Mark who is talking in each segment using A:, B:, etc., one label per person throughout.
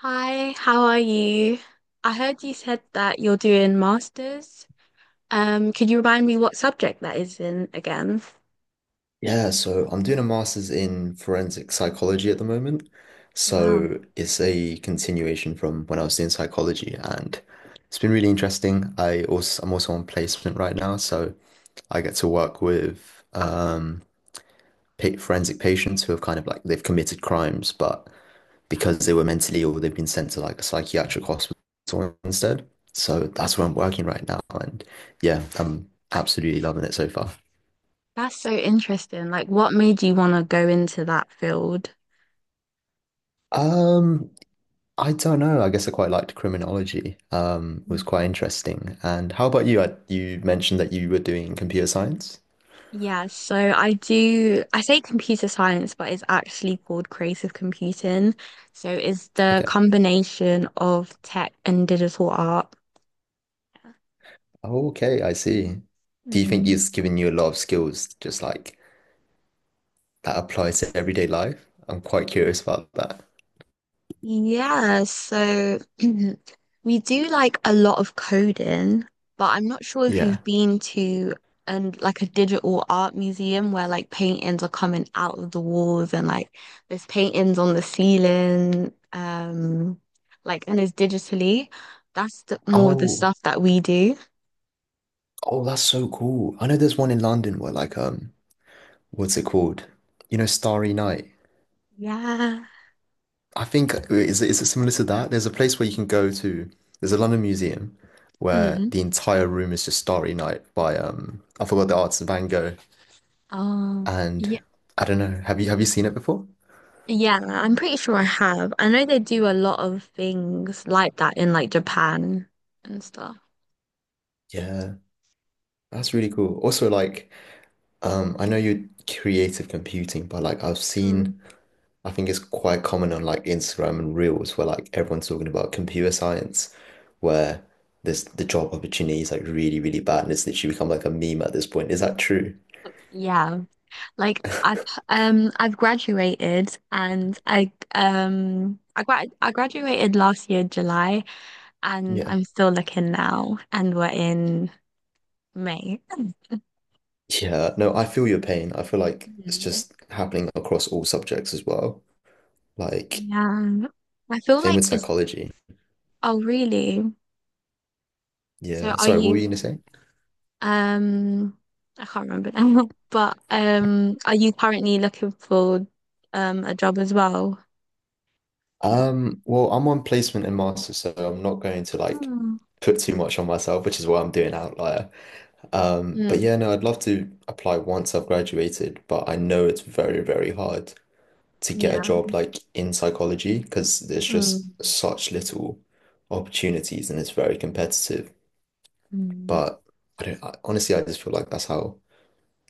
A: Hi, how are you? I heard you said that you're doing masters. Could you remind me what subject that is in again?
B: Yeah, so I'm doing a master's in forensic psychology at the moment.
A: Wow,
B: So it's a continuation from when I was doing psychology, and it's been really interesting. I'm also on placement right now, so I get to work with pa forensic patients who have kind of like they've committed crimes, but because they were mentally ill, they've been sent to like a psychiatric hospital instead. So that's where I'm working right now, and yeah, I'm absolutely loving it so far.
A: that's so interesting. Like, what made you want to go into that field?
B: Um, I don't know. I guess I quite liked criminology. It was
A: Mm.
B: quite interesting. And how about you? You mentioned that you were doing computer science.
A: Yeah, so I say computer science, but it's actually called creative computing. So it's the
B: Okay.
A: combination of tech and digital art.
B: Okay, I see. Do you think
A: Mm.
B: it's given you a lot of skills just like that applies to everyday life? I'm quite curious about that.
A: Yeah, so we do like a lot of coding, but I'm not sure if
B: Yeah.
A: you've been to and like a digital art museum where like paintings are coming out of the walls and like there's paintings on the ceiling, like and it's digitally. That's more of the
B: Oh,
A: stuff that we do.
B: oh, that's so cool. I know there's one in London where like what's it called? You know, Starry Night.
A: Yeah.
B: I think is it similar to that? There's a place where you can go to. There's a London museum where
A: Mm.
B: the entire room is just Starry Night by I forgot the artist, Van Gogh.
A: Oh, yeah,
B: And I don't know. Have you seen it before?
A: yeah, I'm pretty sure I have. I know they do a lot of things like that in like Japan and stuff.
B: Yeah, that's really cool. Also, like I know you're creative computing, but like I've
A: Mm.
B: seen I think it's quite common on like Instagram and Reels where like everyone's talking about computer science, where there's the job opportunity is like really really bad and it's literally become like a meme at this point. Is that true?
A: Yeah, like I've graduated and I graduated last year July and
B: Yeah.
A: I'm still looking now and we're in May.
B: Yeah, no, I feel your pain. I feel like it's
A: Mhm.
B: just happening across all subjects as well. Like,
A: Yeah. I feel
B: same with
A: like it's.
B: psychology.
A: Oh, really? So
B: Yeah.
A: are
B: Sorry, what were
A: you
B: you gonna say?
A: um I can't remember now, but are you currently looking for a job as well?
B: Well, I'm on placement and master, so I'm not going to like
A: Mm.
B: put too much on myself, which is why I'm doing Outlier. But yeah,
A: Mm.
B: no, I'd love to apply once I've graduated, but I know it's very, very hard to get a
A: Yeah.
B: job like in psychology because there's
A: Mm.
B: just such little opportunities and it's very competitive.
A: Mm.
B: But I don't, I, honestly, I just feel like that's how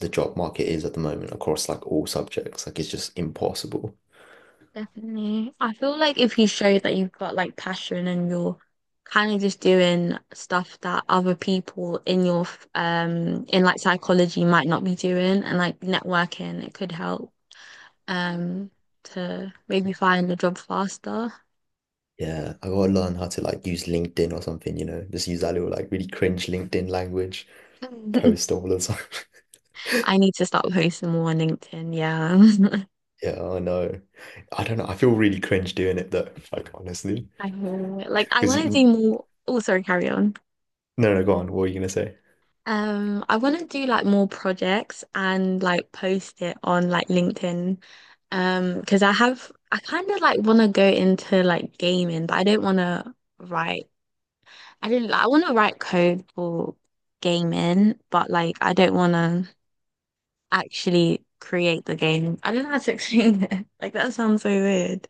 B: the job market is at the moment across like all subjects. Like it's just impossible.
A: Definitely. I feel like if you show that you've got like passion and you're kind of just doing stuff that other people in your in like psychology might not be doing and like networking, it could help um to maybe find a job faster.
B: Yeah, I gotta learn how to like use LinkedIn or something, you know, just use that little like really cringe LinkedIn language, post all the time.
A: I need to start posting more on LinkedIn, yeah.
B: Yeah, I know. I don't know. I feel really cringe doing it though, like honestly.
A: I feel it. Like I
B: Because
A: want to do
B: you,
A: more. Oh, sorry, carry on.
B: no, No, go on. What were you gonna say?
A: I want to do like more projects and like post it on like LinkedIn. Because I kind of like want to go into like gaming, but I don't want to write. I don't like, I want to write code for gaming, but like I don't want to actually create the game. I don't know how to explain it. Like that sounds so weird.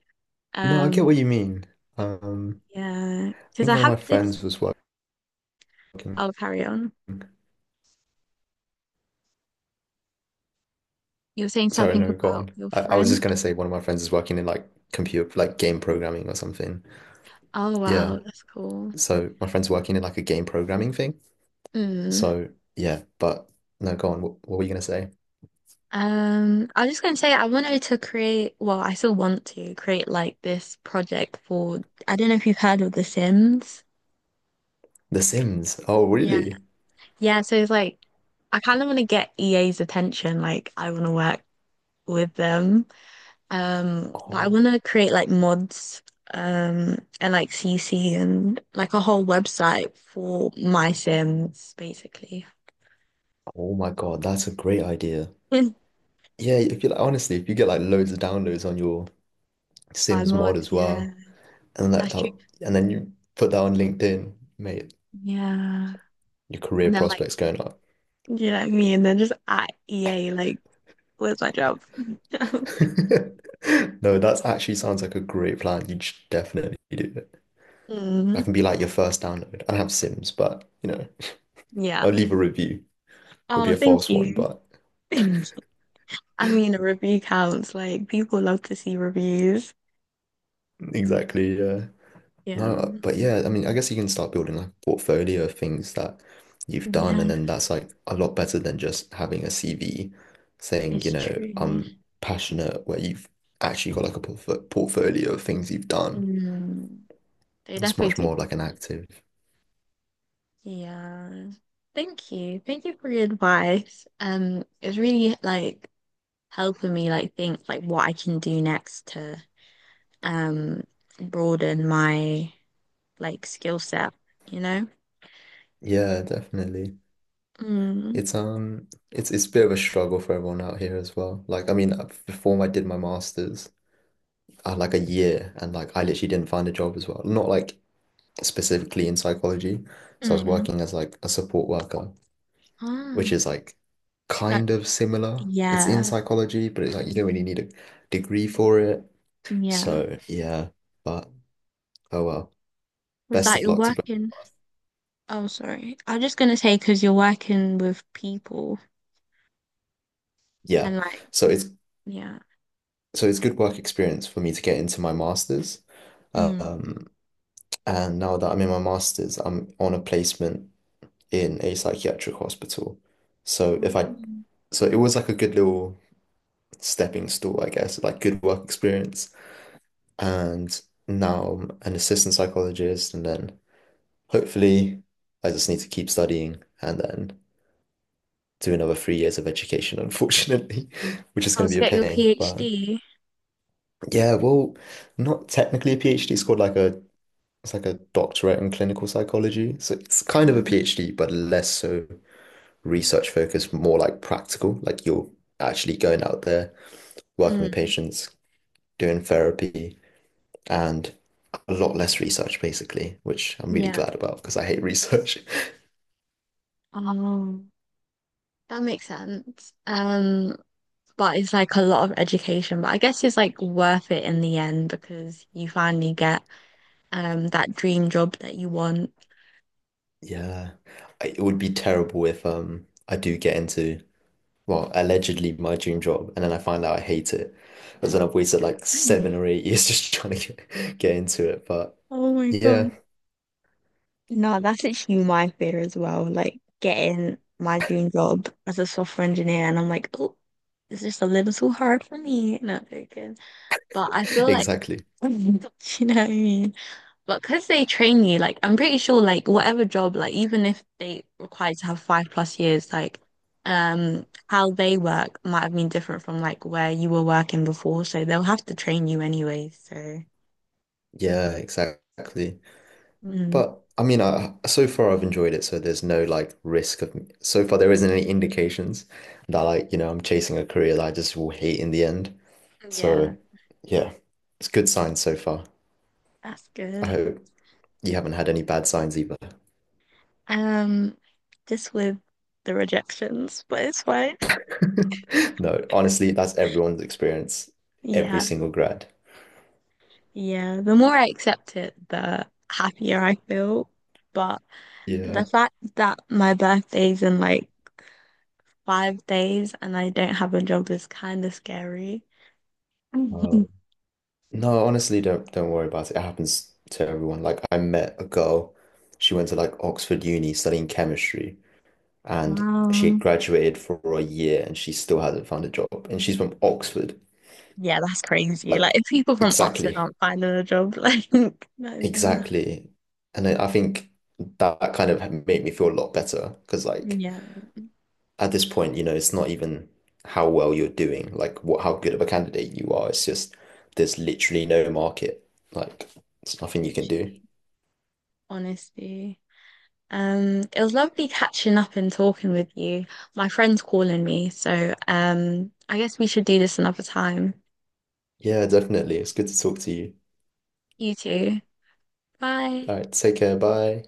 B: No, I
A: Um,
B: get what you mean. Um,
A: yeah,
B: I
A: because
B: think
A: I
B: one of
A: have
B: my friends
A: this.
B: was working.
A: I'll carry on. You were saying
B: Sorry,
A: something
B: no, go
A: about
B: on.
A: your
B: I was
A: friend.
B: just gonna say one of my friends is working in like computer, like game programming or something.
A: Oh
B: Yeah.
A: wow, that's cool.
B: So my friend's working in like a game programming thing.
A: Mm.
B: So yeah, but no, go on. What were you gonna say?
A: I was just going to say, I wanted to create, well, I still want to create like this project for, I don't know if you've heard of The Sims.
B: The Sims. Oh,
A: Yeah.
B: really?
A: Yeah, so it's like, I kind of want to get EA's attention. Like, I want to work with them. But I
B: Oh,
A: want to create like mods, and like CC and like a whole website for my Sims, basically.
B: oh my God, that's a great idea. Yeah, if you like, honestly, if you get like loads of downloads on your
A: My
B: Sims mod
A: mods,
B: as
A: yeah.
B: well, and that,
A: That's true.
B: that and then you put that on LinkedIn, mate,
A: Yeah.
B: your career
A: And then like,
B: prospects going up.
A: you know what I mean? And then just at EA, like, where's my job?
B: No, that's actually sounds like a great plan. You should definitely do it.
A: Mm,
B: That can be like your first download. I don't have Sims, but you know, I'll
A: yeah.
B: leave a review. It'll be
A: Oh,
B: a
A: thank
B: false one,
A: you.
B: but
A: I mean, a review counts. Like, people love to see reviews.
B: exactly, yeah. No,
A: Yeah.
B: but yeah, I mean, I guess you can start building like a portfolio of things that you've done, and
A: Yeah,
B: then that's like a lot better than just having a CV saying, you
A: it's
B: know,
A: true.
B: I'm passionate, where you've actually got like a portfolio of things you've done.
A: Mm, they
B: It's much
A: definitely
B: more like an
A: do.
B: active.
A: Yeah. Thank you. Thank you for your advice. It's really like helping me like think like what I can do next to um broaden my like skill set, you know?
B: Yeah, definitely.
A: Mm,
B: It's a bit of a struggle for everyone out here as well. Like I mean before I did my master's, I had like a year and like I literally didn't find a job as well. Not like specifically in psychology. So I was
A: mm.
B: working as like a support worker, which
A: Ah,
B: is like
A: that,
B: kind of similar. It's in
A: yeah,
B: psychology, but it's like you don't really need a degree for it.
A: yeah.
B: So yeah, but oh well.
A: It's
B: Best
A: like
B: of
A: you're
B: luck to both.
A: working. Oh, sorry. I was just gonna say because you're working with people and
B: Yeah.
A: like,
B: So it's
A: yeah.
B: so it's good work experience for me to get into my master's.
A: Mm.
B: Um, And now that I'm in my master's, I'm on a placement in a psychiatric hospital. So if I,
A: Mm.
B: so it was like a good little stepping stool, I guess, like good work experience. And now I'm an assistant psychologist, and then hopefully I just need to keep studying and then do another 3 years of education, unfortunately, which is
A: Oh,
B: going to
A: to
B: be
A: get
B: a
A: your
B: pain. But
A: PhD.
B: yeah, well, not technically a PhD. It's like a doctorate in clinical psychology. So it's kind of a
A: Um,
B: PhD, but less so research focused, more like practical, like you're actually going out there, working with
A: Mm,
B: patients, doing therapy, and a lot less research basically, which I'm really
A: yeah.
B: glad about because I hate research.
A: Oh, that makes sense. But it's like a lot of education, but I guess it's like worth it in the end because you finally get that dream job that you want.
B: Yeah, it would be terrible if I do get into well allegedly my dream job and then I find out I hate it, because then I've wasted like
A: Yeah.
B: seven or eight years just trying to get into it. But
A: Oh my
B: yeah,
A: God. No, that's literally my fear as well. Like getting my dream job as a software engineer, and I'm like, oh, it's just a little too hard for me. No, I'm joking. But I feel like,
B: exactly.
A: you know what I mean? But because they train you, like, I'm pretty sure, like, whatever job, like, even if they require you to have 5+ years, like, how they work might have been different from like where you were working before. So they'll have to train you anyway. So,
B: Yeah, exactly.
A: mm,
B: But I mean, I, so far I've enjoyed it, so there's no like risk of so far there isn't any indications that like, you know, I'm chasing a career that I just will hate in the end.
A: yeah,
B: So yeah, it's good signs so far.
A: that's
B: I
A: good.
B: hope you haven't had any bad signs either.
A: Um, just with the rejections, but it's fine.
B: No, honestly, that's everyone's experience, every
A: Yeah,
B: single grad.
A: yeah. The more I accept it, the happier I feel. But the
B: Yeah.
A: fact that my birthday's in like 5 days and I don't have a job is kind of scary.
B: Um, no, honestly, don't worry about it. It happens to everyone. Like I met a girl, she went to like Oxford Uni studying chemistry, and she had
A: Wow.
B: graduated for a year and she still hasn't found a job. And she's from Oxford.
A: Yeah, that's crazy.
B: Like,
A: Like, if people from Oxford
B: exactly,
A: aren't finding a job, like, that is mad.
B: exactly. And I think that kind of made me feel a lot better because, like,
A: Yeah,
B: at this point, you know, it's not even how well you're doing, like, what how good of a candidate you are. It's just there's literally no market. Like, there's nothing you can do.
A: literally. Honestly. It was lovely catching up and talking with you. My friend's calling me, so I guess we should do this another time.
B: Yeah, definitely. It's good to talk to you.
A: You too. Bye.
B: All right, take care. Bye.